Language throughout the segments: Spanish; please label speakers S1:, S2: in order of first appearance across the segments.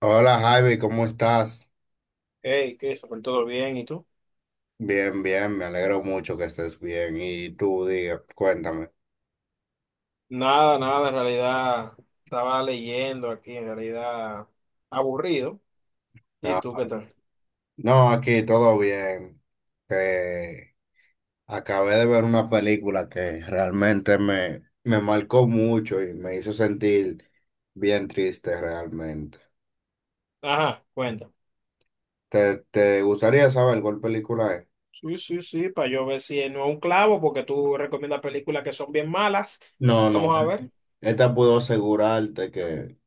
S1: Hola Javi, ¿cómo estás?
S2: Hey, Christopher, ¿todo bien? ¿Y tú?
S1: Bien, bien, me alegro mucho que estés bien. Y tú, diga, cuéntame.
S2: Nada, nada, en realidad estaba leyendo aquí, en realidad aburrido. ¿Y
S1: Ah,
S2: tú qué tal?
S1: no, aquí todo bien. Eh, Acabé de ver una película que realmente me marcó mucho y me hizo sentir bien triste realmente.
S2: Ajá, cuenta.
S1: ¿Te gustaría saber cuál película es?
S2: Sí, sí, sí, para yo ver si no es un clavo, porque tú recomiendas películas que son bien malas.
S1: No, no,
S2: Vamos a ver.
S1: esta puedo asegurarte que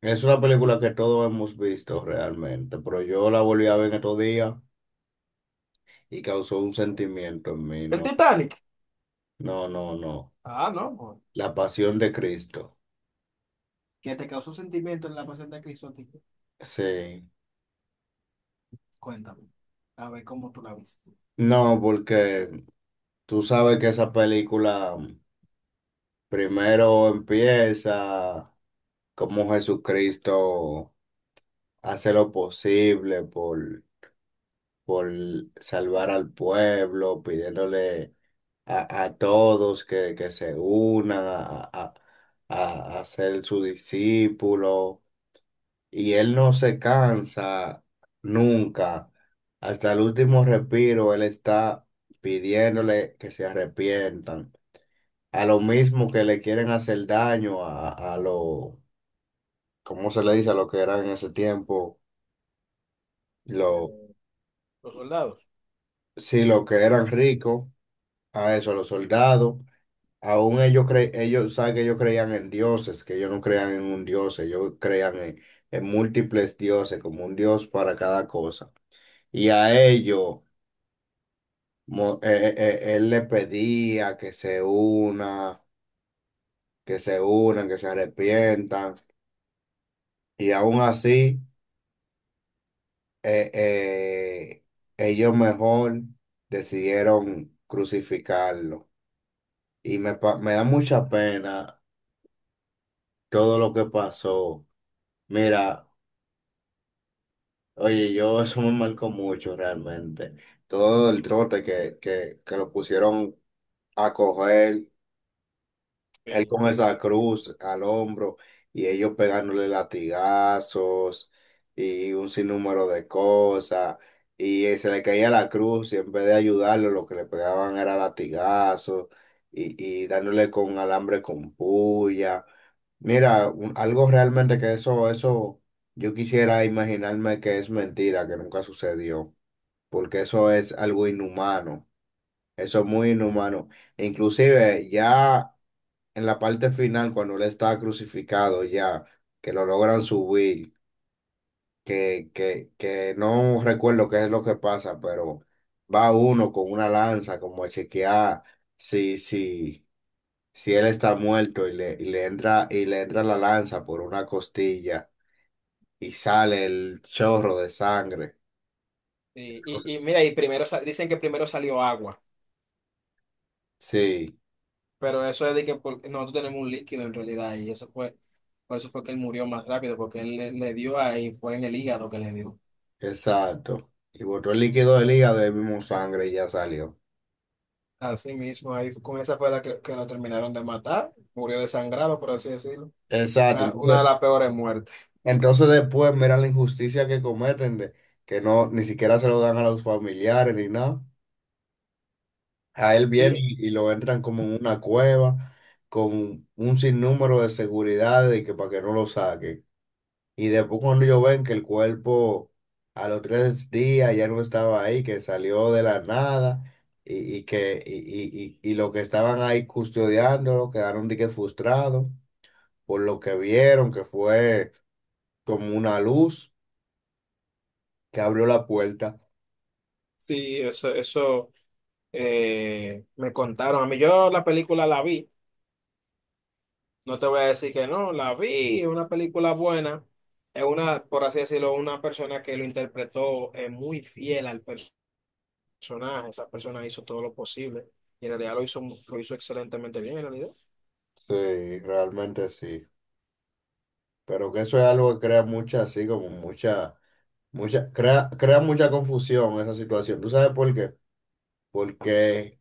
S1: es una película que todos hemos visto realmente, pero yo la volví a ver en estos días, y causó un sentimiento en mí.
S2: El
S1: No,
S2: Titanic.
S1: no, no, no.
S2: Ah, no. Bueno.
S1: La pasión de Cristo.
S2: ¿Qué te causó sentimiento en la pasión de Cristo a ti?
S1: Sí.
S2: Cuéntame, a ver cómo tú la viste.
S1: No, porque tú sabes que esa película primero empieza como Jesucristo hace lo posible por salvar al pueblo, pidiéndole a todos que se unan a ser su discípulo. Y él no se cansa nunca. Hasta el último respiro, él está pidiéndole que se arrepientan. A lo mismo que le quieren hacer daño a lo, ¿cómo se le dice? A lo que eran en ese tiempo, lo,
S2: Eh, los soldados.
S1: sí, lo que eran ricos, a eso, a los soldados. Aún ellos cre ellos, saben que ellos creían en dioses, que ellos no creían en un dios, ellos creían en múltiples dioses, como un dios para cada cosa. Y a ellos. Mo- él le pedía que se una, que se unan, que se arrepientan. Y aún así, eh, eh, ellos mejor decidieron crucificarlo. Y me, pa- me da mucha pena todo lo que pasó. Mira, oye, yo eso me marcó mucho realmente. Todo el trote que lo pusieron a coger. Él
S2: Sí.
S1: con esa cruz al hombro y ellos pegándole latigazos y un sinnúmero de cosas. Y se le caía la cruz y en vez de ayudarlo, lo que le pegaban era latigazos y dándole con alambre con puya. Mira, un- algo realmente que eso, yo quisiera imaginarme que es mentira, que nunca sucedió, porque eso es algo inhumano, eso es muy inhumano. Inclusive ya en la parte final, cuando él está crucificado ya, que lo logran subir, que no recuerdo qué es lo que pasa, pero va uno con una lanza como a chequear si, si, si él está muerto y le entra la lanza por una costilla y sale el chorro de sangre.
S2: Y,
S1: Entonces-
S2: y mira, y primero sa- dicen que primero salió agua.
S1: sí,
S2: Pero eso es de que por- nosotros tenemos un líquido en realidad y eso fue, por eso fue que él murió más rápido, porque él le, le dio ahí, fue en el hígado que le dio.
S1: exacto. Y botó el líquido del hígado y mismo sangre y ya salió.
S2: Así mismo, ahí con esa fue la que lo terminaron de matar, murió desangrado, por así decirlo.
S1: Exacto.
S2: La- Una de
S1: Entonces,
S2: las peores muertes.
S1: entonces después mira la injusticia que cometen de que no ni siquiera se lo dan a los familiares ni nada. A él viene
S2: Sí,
S1: y lo entran como en una cueva con un sinnúmero de seguridad de que para que no lo saquen. Y después cuando ellos ven que el cuerpo a los tres días ya no estaba ahí, que salió de la nada y, y que y los que estaban ahí custodiándolo quedaron de que frustrados por lo que vieron que fue como una luz que abrió la puerta.
S2: sí, eso me contaron. A mí yo la película la vi, no te voy a decir que no, la vi, es una película buena. Es una, por así decirlo, una persona que lo interpretó muy fiel al personaje personaje, esa persona hizo todo lo posible y en realidad lo hizo excelentemente bien en realidad.
S1: Sí, realmente sí. Pero que eso es algo que crea mucha, así como mucha, mucha, crea, crea mucha confusión esa situación. ¿Tú sabes por qué? Porque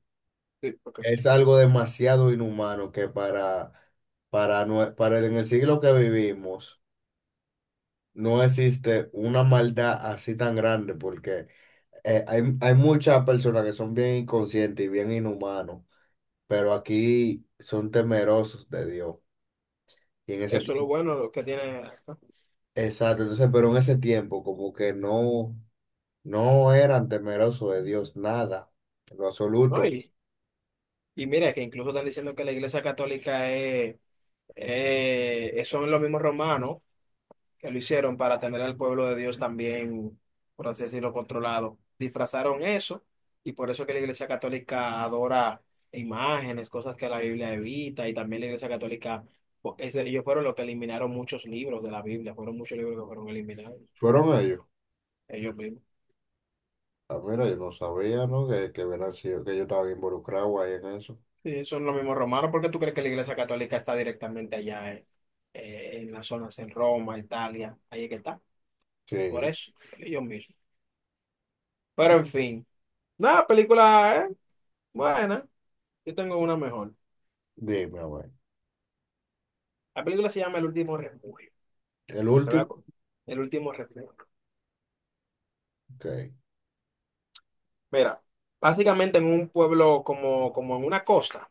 S2: Sí, porque
S1: es algo demasiado inhumano que para, nue- para el- en el siglo que vivimos no existe una maldad así tan grande porque hay muchas personas que son bien inconscientes y bien inhumanos, pero aquí son temerosos de Dios. Y en ese
S2: eso es lo bueno, lo que tiene.
S1: exacto, entonces, pero en ese tiempo como que no, no eran temerosos de Dios, nada, en lo
S2: ¿No?
S1: absoluto.
S2: Y mira, que incluso están diciendo que la Iglesia Católica es- son los mismos romanos. Que lo hicieron para tener al pueblo de Dios también, por así decirlo, controlado. Disfrazaron eso y por eso que la Iglesia Católica adora imágenes, cosas que la Biblia evita y también la Iglesia Católica, po- ese- ellos fueron los que eliminaron muchos libros de la Biblia, fueron muchos libros que fueron eliminados,
S1: Fueron ellos.
S2: ellos mismos.
S1: Ah, mira, yo no sabía, ¿no? Que, hubieran sido- que yo estaba involucrado ahí en eso.
S2: Sí, son los mismos romanos, ¿por qué tú crees que la Iglesia Católica está directamente allá en las zonas en Roma, Italia? Ahí es que está, por
S1: Sí,
S2: eso, ellos mismos. Pero en fin, nada, película, buena. Yo tengo una mejor.
S1: dime, a ver.
S2: La película se llama El último refugio.
S1: El
S2: Te voy a
S1: último,
S2: co- El último refugio.
S1: ok.
S2: Mira, básicamente en un pueblo como, como en una costa.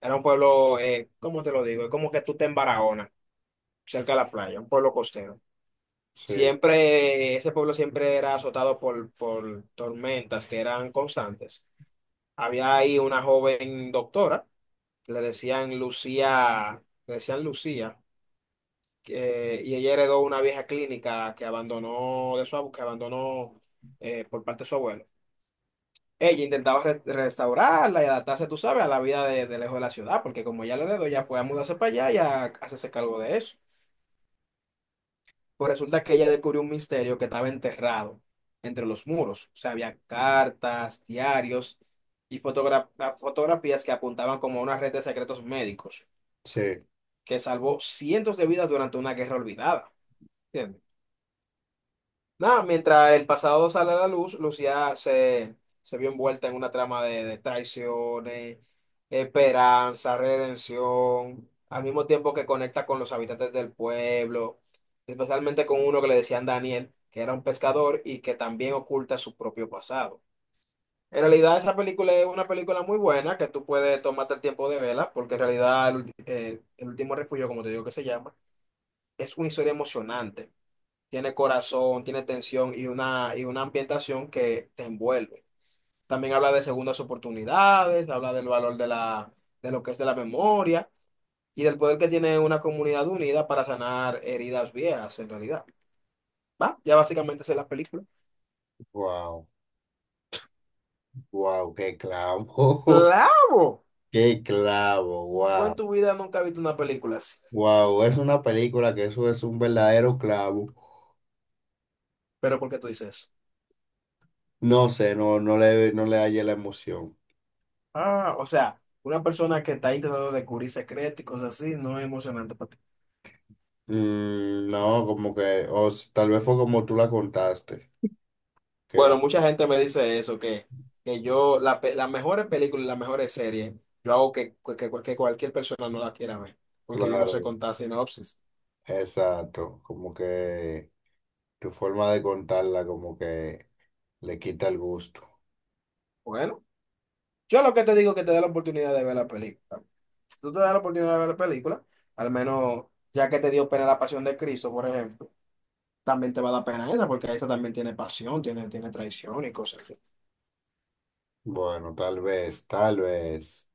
S2: Era un pueblo, ¿cómo te lo digo? Es como que tú te en Barahona, cerca de la playa, un pueblo costero.
S1: Sí,
S2: Siempre, ese pueblo siempre era azotado por tormentas que eran constantes. Había ahí una joven doctora, le decían Lucía, que- y ella heredó una vieja clínica que abandonó de su abu- que abandonó por parte de su abuelo. Ella intentaba re- restaurarla y adaptarse, tú sabes, a la vida de lejos de la ciudad, porque como ella lo heredó, ya fue a mudarse para allá y a hacerse cargo de eso. Pues resulta que ella descubrió un misterio que estaba enterrado entre los muros. O sea, había cartas, diarios y fotogra- fotografías que apuntaban como a una red de secretos médicos
S1: sí.
S2: que salvó cientos de vidas durante una guerra olvidada. ¿Entiendes? Nada, mientras el pasado sale a la luz, Lucía se, se vio envuelta en una trama de traiciones, esperanza, redención, al mismo tiempo que conecta con los habitantes del pueblo, especialmente con uno que le decían Daniel, que era un pescador y que también oculta su propio pasado. En realidad, esa película es una película muy buena que tú puedes tomarte el tiempo de verla, porque en realidad el, ulti- El último refugio, como te digo que se llama, es una historia emocionante, tiene corazón, tiene tensión y una ambientación que te envuelve. También habla de segundas oportunidades, habla del valor de la, de lo que es de la memoria y del poder que tiene una comunidad unida para sanar heridas viejas en realidad. ¿Va? Ya básicamente esa es la película.
S1: Wow, wow, qué clavo.
S2: ¡Claro!
S1: Qué clavo,
S2: Tú en
S1: wow.
S2: tu vida nunca has visto una película así.
S1: Wow, es una película que eso es un verdadero clavo.
S2: ¿Pero por qué tú dices eso?
S1: No sé, no, no le hallé la emoción.
S2: Ah, o sea, una persona que está intentando descubrir secretos y cosas así no es emocionante para ti.
S1: Mm, no, como que, o s- tal vez fue como tú la contaste, que no,
S2: Bueno, mucha gente me dice eso, que yo, la pe- las mejores películas y las mejores series, yo hago que, que cualquier persona no la quiera ver, porque yo no sé
S1: claro,
S2: contar sinopsis.
S1: exacto, como que tu forma de contarla como que le quita el gusto.
S2: Bueno, yo lo que te digo es que te dé la oportunidad de ver la película. Si tú te das la oportunidad de ver la película, al menos ya que te dio pena la pasión de Cristo, por ejemplo, también te va a dar pena esa, porque esa también tiene pasión, tiene, tiene traición y cosas así.
S1: Bueno, tal vez, tal vez.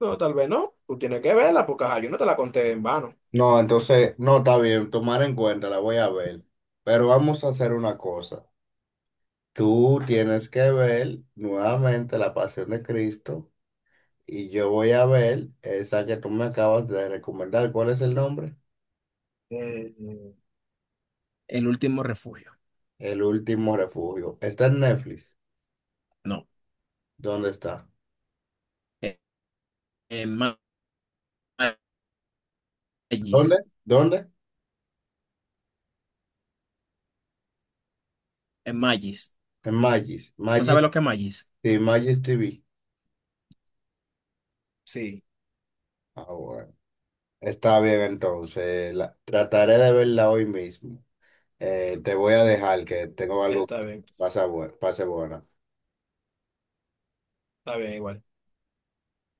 S2: No, tal vez no, tú tienes que verla, porque ajá, yo no te la conté en vano.
S1: No, entonces, no, está bien, tomar en cuenta, la voy a ver, pero vamos a hacer una cosa. Tú tienes que ver nuevamente La Pasión de Cristo y yo voy a ver esa que tú me acabas de recomendar. ¿Cuál es el nombre?
S2: Eh, El último refugio.
S1: El último refugio. Está en Netflix.
S2: No.
S1: ¿Dónde está?
S2: Eh, más.
S1: ¿Dónde?
S2: Magis.
S1: ¿Dónde?
S2: Magis.
S1: En Magis.
S2: ¿No
S1: Magis,
S2: sabe lo que es Magis?
S1: sí, Magis TV.
S2: Sí,
S1: Ah, bueno. Está bien, entonces. La- trataré de verla hoy mismo. Te voy a dejar que tengo algo
S2: está
S1: que
S2: bien.
S1: pasa, bu- pase buena.
S2: Está bien igual.